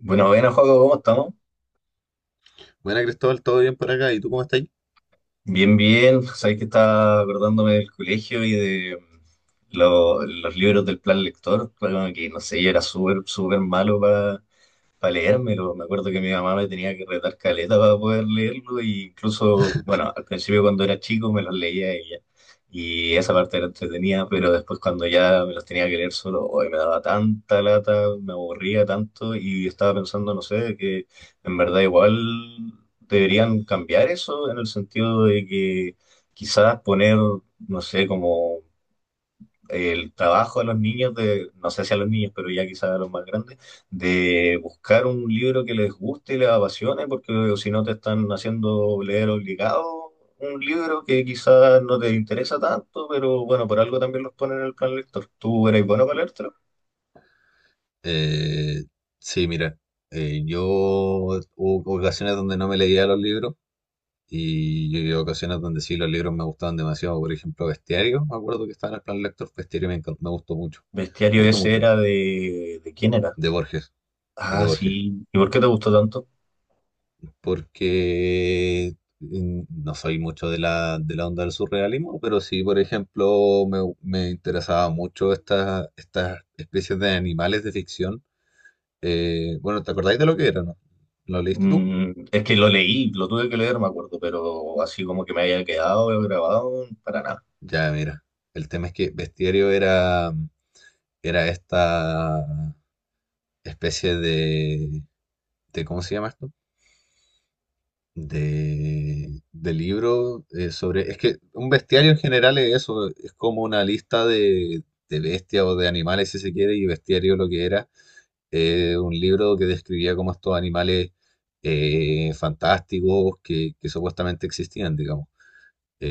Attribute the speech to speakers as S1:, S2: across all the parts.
S1: Bueno, buenas, Joaco, ¿cómo estamos?
S2: Buena Cristóbal, ¿todo bien por acá? ¿Y tú cómo estás?
S1: Bien, bien. Sabéis que estaba acordándome del colegio y de los libros del plan lector. Claro que no sé, yo era súper malo para leérmelo. Me acuerdo que mi mamá me tenía que retar caleta para poder leerlo, y incluso, bueno, al principio cuando era chico me los leía ella. Y esa parte era entretenida, pero después cuando ya me los tenía que leer solo, hoy me daba tanta lata, me aburría tanto y estaba pensando, no sé, que en verdad igual deberían cambiar eso en el sentido de que quizás poner, no sé, como el trabajo de los niños, de, no sé si a los niños, pero ya quizás a los más grandes, de buscar un libro que les guste y les apasione, porque si no te están haciendo leer obligado un libro que quizás no te interesa tanto, pero bueno, por algo también los ponen en el plan lector. ¿Tú eres bueno para leértelo?
S2: Eh, sí, mira, yo hubo ocasiones donde no me leía los libros y yo hubo ocasiones donde sí los libros me gustaban demasiado. Por ejemplo, Bestiario, me acuerdo que estaba en el plan lector, Bestiario me encantó, me gustó mucho,
S1: Bestiario
S2: mucho,
S1: ese
S2: mucho,
S1: era de... ¿De quién era?
S2: de Borges, es de
S1: Ah,
S2: Borges,
S1: sí. ¿Y por qué te gustó tanto?
S2: porque no soy mucho de la onda del surrealismo, pero sí, por ejemplo, me interesaba mucho estas especies de animales de ficción. Bueno, ¿te acordáis de lo que era, no? ¿Lo leíste tú?
S1: Es que lo leí, lo tuve que leer, me acuerdo, pero así como que me haya quedado grabado, para nada.
S2: Ya, mira. El tema es que Bestiario era esta especie de, ¿cómo se llama esto? De libro, sobre... Es que un bestiario en general es eso, es como una lista de bestias o de animales, si se quiere, y Bestiario lo que era, un libro que describía como estos animales fantásticos que supuestamente existían, digamos.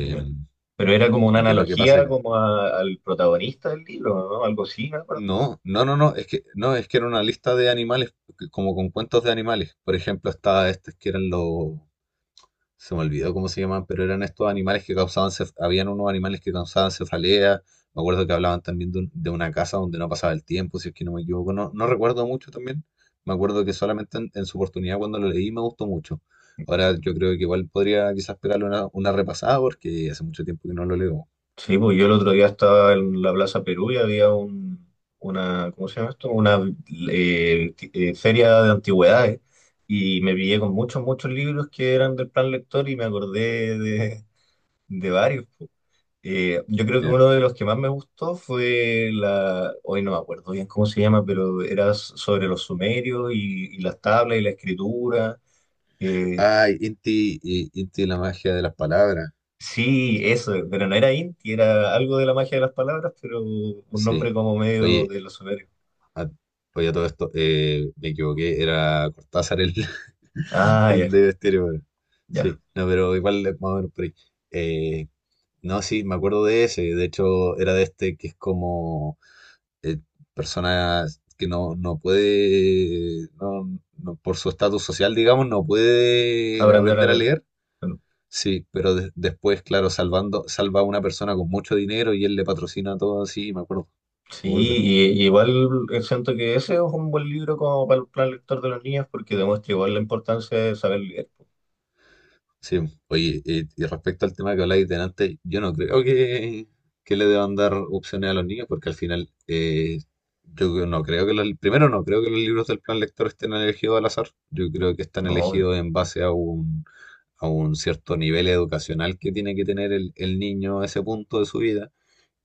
S1: Ya. Pero era como una
S2: ¿Y qué es lo que pasa?
S1: analogía como al protagonista del libro, ¿no? Algo así, me acuerdo.
S2: No, no, no, no, es que, no, es que era una lista de animales, como con cuentos de animales. Por ejemplo, estaba estos que eran los, se me olvidó cómo se llamaban, pero eran estos animales que causaban, habían unos animales que causaban cefalea. Me acuerdo que hablaban también de, de una casa donde no pasaba el tiempo, si es que no me equivoco. No, no recuerdo mucho también. Me acuerdo que solamente en su oportunidad cuando lo leí me gustó mucho. Ahora yo creo que igual podría quizás pegarle una repasada porque hace mucho tiempo que no lo leo.
S1: Sí, pues yo el otro día estaba en la Plaza Perú y había una, ¿cómo se llama esto? Una feria de antigüedades y me pillé con muchos libros que eran del plan lector y me acordé de varios. Pues. Yo creo que
S2: Ya.
S1: uno de los que más me gustó fue la, hoy no me acuerdo bien cómo se llama, pero era sobre los sumerios y las tablas y la escritura. Eh,
S2: Ay, Inti, Inti y la magia de las palabras.
S1: Sí, eso, pero no era Inti, era algo de la magia de las palabras, pero un
S2: Sí.
S1: nombre como medio
S2: Oye,
S1: de los sumerios.
S2: a, oye, a todo esto, me equivoqué, era Cortázar el,
S1: Ah, ya,
S2: el de Estéreo. Bueno.
S1: ya,
S2: Sí, no, pero igual es más o menos por ahí. Eh, no, sí, me acuerdo de ese. De hecho, era de este que es como eh, personas que no puede, por su estatus social, digamos, no puede
S1: aprender a
S2: aprender a
S1: leer.
S2: leer.
S1: Bueno,
S2: Sí, pero después, claro, salva a una persona con mucho dinero y él le patrocina todo así, me acuerdo.
S1: sí,
S2: Me acuerdo.
S1: y igual siento que ese es un buen libro como para el plan lector de los niños porque demuestra igual la importancia de saber leer.
S2: Sí, oye, y respecto al tema que habláis de antes, yo no creo que le deban dar opciones a los niños, porque al final, yo no creo que los, primero no creo que los libros del plan lector estén elegidos al azar, yo creo que están
S1: No, obvio.
S2: elegidos en base a a un cierto nivel educacional que tiene que tener el niño a ese punto de su vida.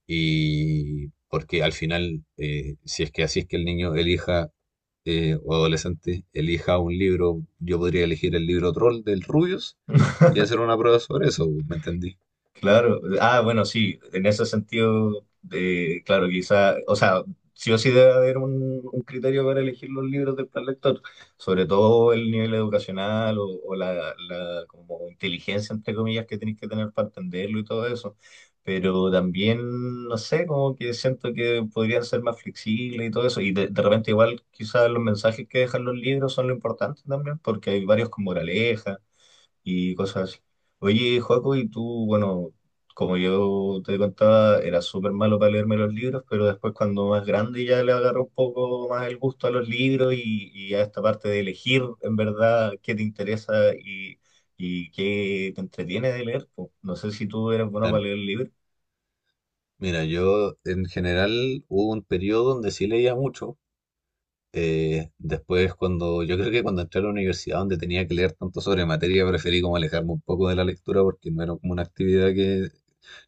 S2: Y porque al final, si es que así es que el niño elija, o adolescente, elija un libro, yo podría elegir el libro Troll del Rubius y hacer una prueba sobre eso, ¿me entendí?
S1: Claro, ah, bueno, sí, en ese sentido, claro, quizá, o sea, sí o sí debe haber un criterio para elegir los libros del plan lector, sobre todo el nivel educacional o la como inteligencia, entre comillas, que tenéis que tener para entenderlo y todo eso, pero también, no sé, como que siento que podrían ser más flexibles y todo eso, y de repente igual quizás los mensajes que dejan los libros son lo importante también, porque hay varios con moraleja y cosas así. Oye, Joaco, y tú, bueno, como yo te contaba, era súper malo para leerme los libros, pero después cuando más grande ya le agarró un poco más el gusto a los libros y a esta parte de elegir en verdad qué te interesa y qué te entretiene de leer. Po. No sé si tú eras bueno para
S2: Claro.
S1: leer libros.
S2: Mira, yo en general hubo un periodo donde sí leía mucho. Yo creo que cuando entré a la universidad donde tenía que leer tanto sobre materia, preferí como alejarme un poco de la lectura porque no era como una actividad que...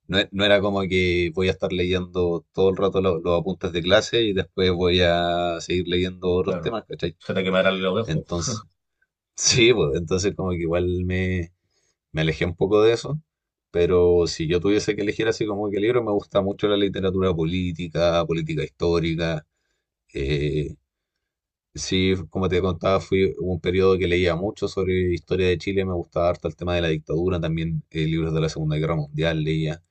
S2: No, no era como que voy a estar leyendo todo el rato los apuntes de clase y después voy a seguir leyendo otros
S1: Claro.
S2: temas, ¿cachai?
S1: Se te quemarán los ojos.
S2: Entonces, sí, pues entonces como que igual me alejé un poco de eso, pero si yo tuviese que elegir así como que libro, me gusta mucho la literatura política, política histórica. eh, sí, como te contaba, fui hubo un periodo que leía mucho sobre historia de Chile, me gustaba harto el tema de la dictadura, también libros de la Segunda Guerra Mundial leía.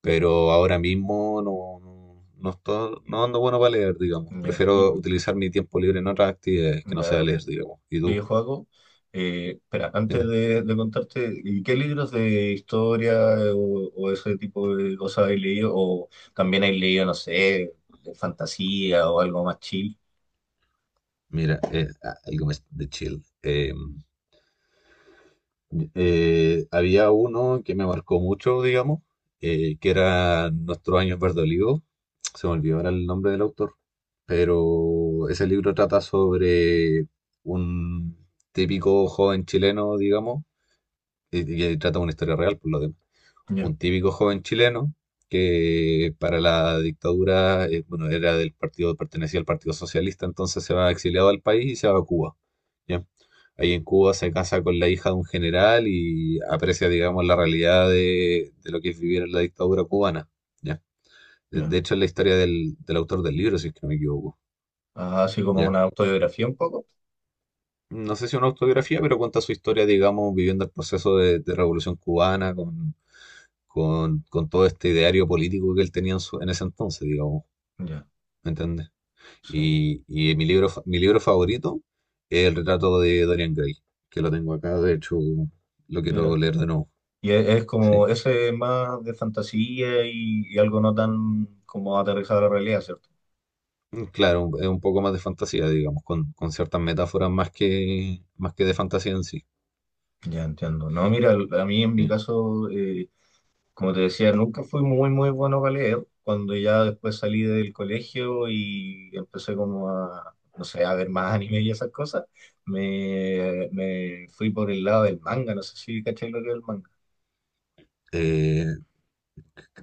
S2: Pero ahora mismo no, no, no ando bueno para leer, digamos.
S1: Ya. Y,
S2: Prefiero utilizar mi tiempo libre en otras actividades que no sea
S1: ya.
S2: leer, digamos. ¿Y tú?
S1: Videojuego. Espera, antes
S2: Dime.
S1: de contarte, ¿qué libros de historia o ese tipo de cosas has leído? ¿O también has leído, no sé, de fantasía o algo más chill?
S2: Mira, algo más de chill. Había uno que me marcó mucho, digamos, que era Nuestros años verde. Se me olvidó ahora el nombre del autor, pero ese libro trata sobre un típico joven chileno, digamos, y trata una historia real, por lo demás
S1: Ya,
S2: un típico joven chileno que para la dictadura, bueno, era del partido, pertenecía al Partido Socialista, entonces se va exiliado al país y se va a Cuba, ¿ya? Ahí en Cuba se casa con la hija de un general y aprecia, digamos, la realidad de lo que es vivir en la dictadura cubana, ¿ya?
S1: ya.
S2: De hecho, es la historia del, del autor del libro, si es que no me equivoco,
S1: Ah, así como
S2: ¿ya?
S1: una autobiografía un poco.
S2: No sé si es una autobiografía, pero cuenta su historia, digamos, viviendo el proceso de revolución cubana con todo este ideario político que él tenía en, en ese entonces, digamos,
S1: Ya,
S2: ¿me entiendes?
S1: sí.
S2: Y mi libro, mi libro favorito es El retrato de Dorian Gray, que lo tengo acá, de hecho lo quiero
S1: Mira.
S2: leer de nuevo.
S1: Y es
S2: Sí.
S1: como ese más de fantasía y algo no tan como aterrizado a la realidad, ¿cierto?
S2: Claro, es un poco más de fantasía, digamos, con ciertas metáforas más que de fantasía en sí.
S1: Ya entiendo. No, mira, a mí en mi
S2: Sí.
S1: caso... Como te decía, nunca fui muy bueno para leer. Cuando ya después salí del colegio y empecé como a, no sé, a ver más anime y esas cosas, me fui por el lado del manga. No sé si caché lo que es el manga.
S2: Eh,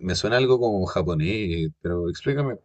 S2: me suena algo como japonés, pero explícame.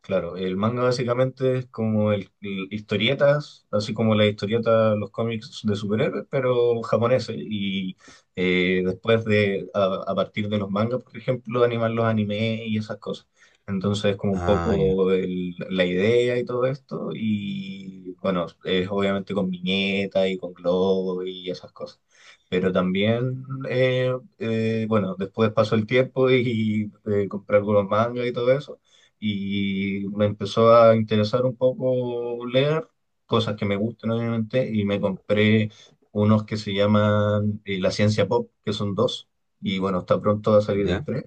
S1: Claro, el manga básicamente es como el, historietas, así como las historietas, los cómics de superhéroes, pero japoneses. Y después de, a partir de los mangas, por ejemplo, animar los animes y esas cosas. Entonces es como un
S2: Ah, ya,
S1: poco la idea y todo esto. Y bueno, es obviamente con viñetas y con globos y esas cosas. Pero también, bueno, después pasó el tiempo y, compré algunos mangas y todo eso y me empezó a interesar un poco leer cosas que me gustan obviamente y me compré unos que se llaman La Ciencia Pop, que son dos, y bueno, está pronto a salir el
S2: ya,
S1: tres,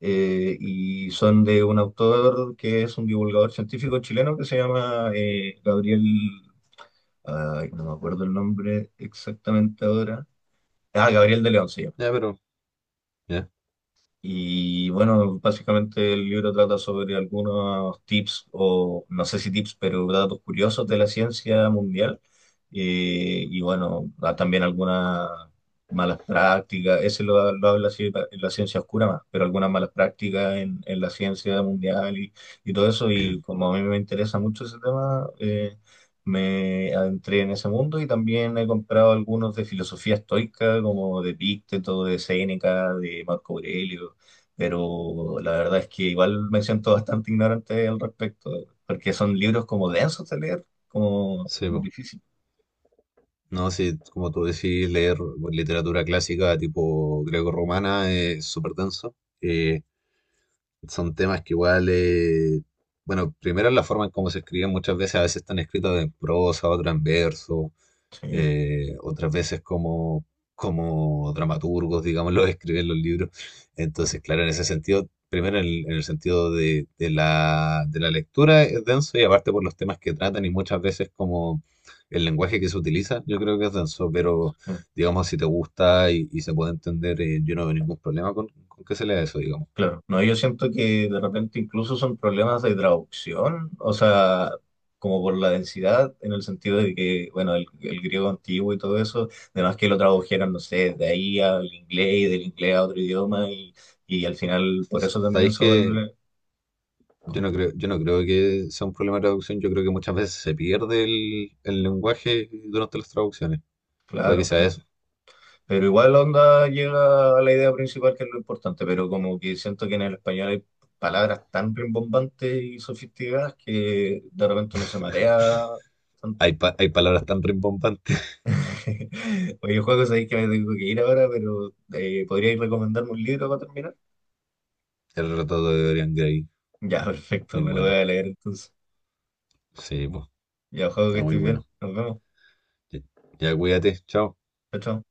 S1: y son de un autor que es un divulgador científico chileno que se llama Gabriel, ay, no me acuerdo el nombre exactamente ahora, ah, Gabriel de León se llama.
S2: ya, pero, ya,
S1: Y bueno, básicamente el libro trata sobre algunos tips, o no sé si tips, pero datos curiosos de la ciencia mundial. Y bueno, da también algunas malas prácticas, ese lo habla así en la ciencia oscura más, pero algunas malas prácticas en la ciencia mundial y todo eso. Y como a mí me interesa mucho ese tema, me adentré en ese mundo y también he comprado algunos de filosofía estoica, como de Epicteto, de Séneca, de Marco Aurelio pero la verdad es que igual me siento bastante ignorante al respecto, porque son libros como densos de leer, como
S2: sí, po.
S1: difícil.
S2: No, sí, como tú decís, leer literatura clásica tipo greco-romana es súper denso. Eh, son temas que igual, bueno, primero la forma en cómo se escriben muchas veces, a veces están escritos en prosa, otras en verso,
S1: Sí,
S2: eh, otras veces como, como dramaturgos, digamos, los escriben los libros.
S1: claro.
S2: Entonces, claro, en ese sentido, primero en el sentido de, de la lectura es denso y aparte por los temas que tratan y muchas veces como el lenguaje que se utiliza, yo creo que es denso, pero
S1: Sí,
S2: digamos, si te gusta y se puede entender, yo no veo ningún problema con que se lea eso, digamos.
S1: claro. No, yo siento que de repente incluso son problemas de traducción, o sea, como por la densidad, en el sentido de que, bueno, el griego antiguo y todo eso, además que lo tradujeron, no sé, de ahí al inglés y del inglés a otro idioma y al final por eso también
S2: Sabéis
S1: se
S2: que
S1: vuelve,
S2: yo no creo que sea un problema de traducción, yo creo que muchas veces se pierde el lenguaje durante las traducciones. Puede que
S1: claro,
S2: sea eso.
S1: pero igual onda llega a la idea principal que es lo importante, pero como que siento que en el español hay palabras tan rimbombantes y sofisticadas que de repente uno se marea tanto.
S2: Hay palabras tan rimbombantes.
S1: Oye, juego, sabéis que me tengo que ir ahora, pero ¿podríais recomendarme un libro para terminar?
S2: El retrato de Dorian Gray.
S1: Ya,
S2: Muy
S1: perfecto, me lo voy
S2: bueno.
S1: a leer entonces.
S2: Sí, pues.
S1: Ya, juego, que
S2: Está muy
S1: estés bien.
S2: bueno.
S1: Nos vemos.
S2: Ya, ya, cuídate. Chao.
S1: Chao. Chao.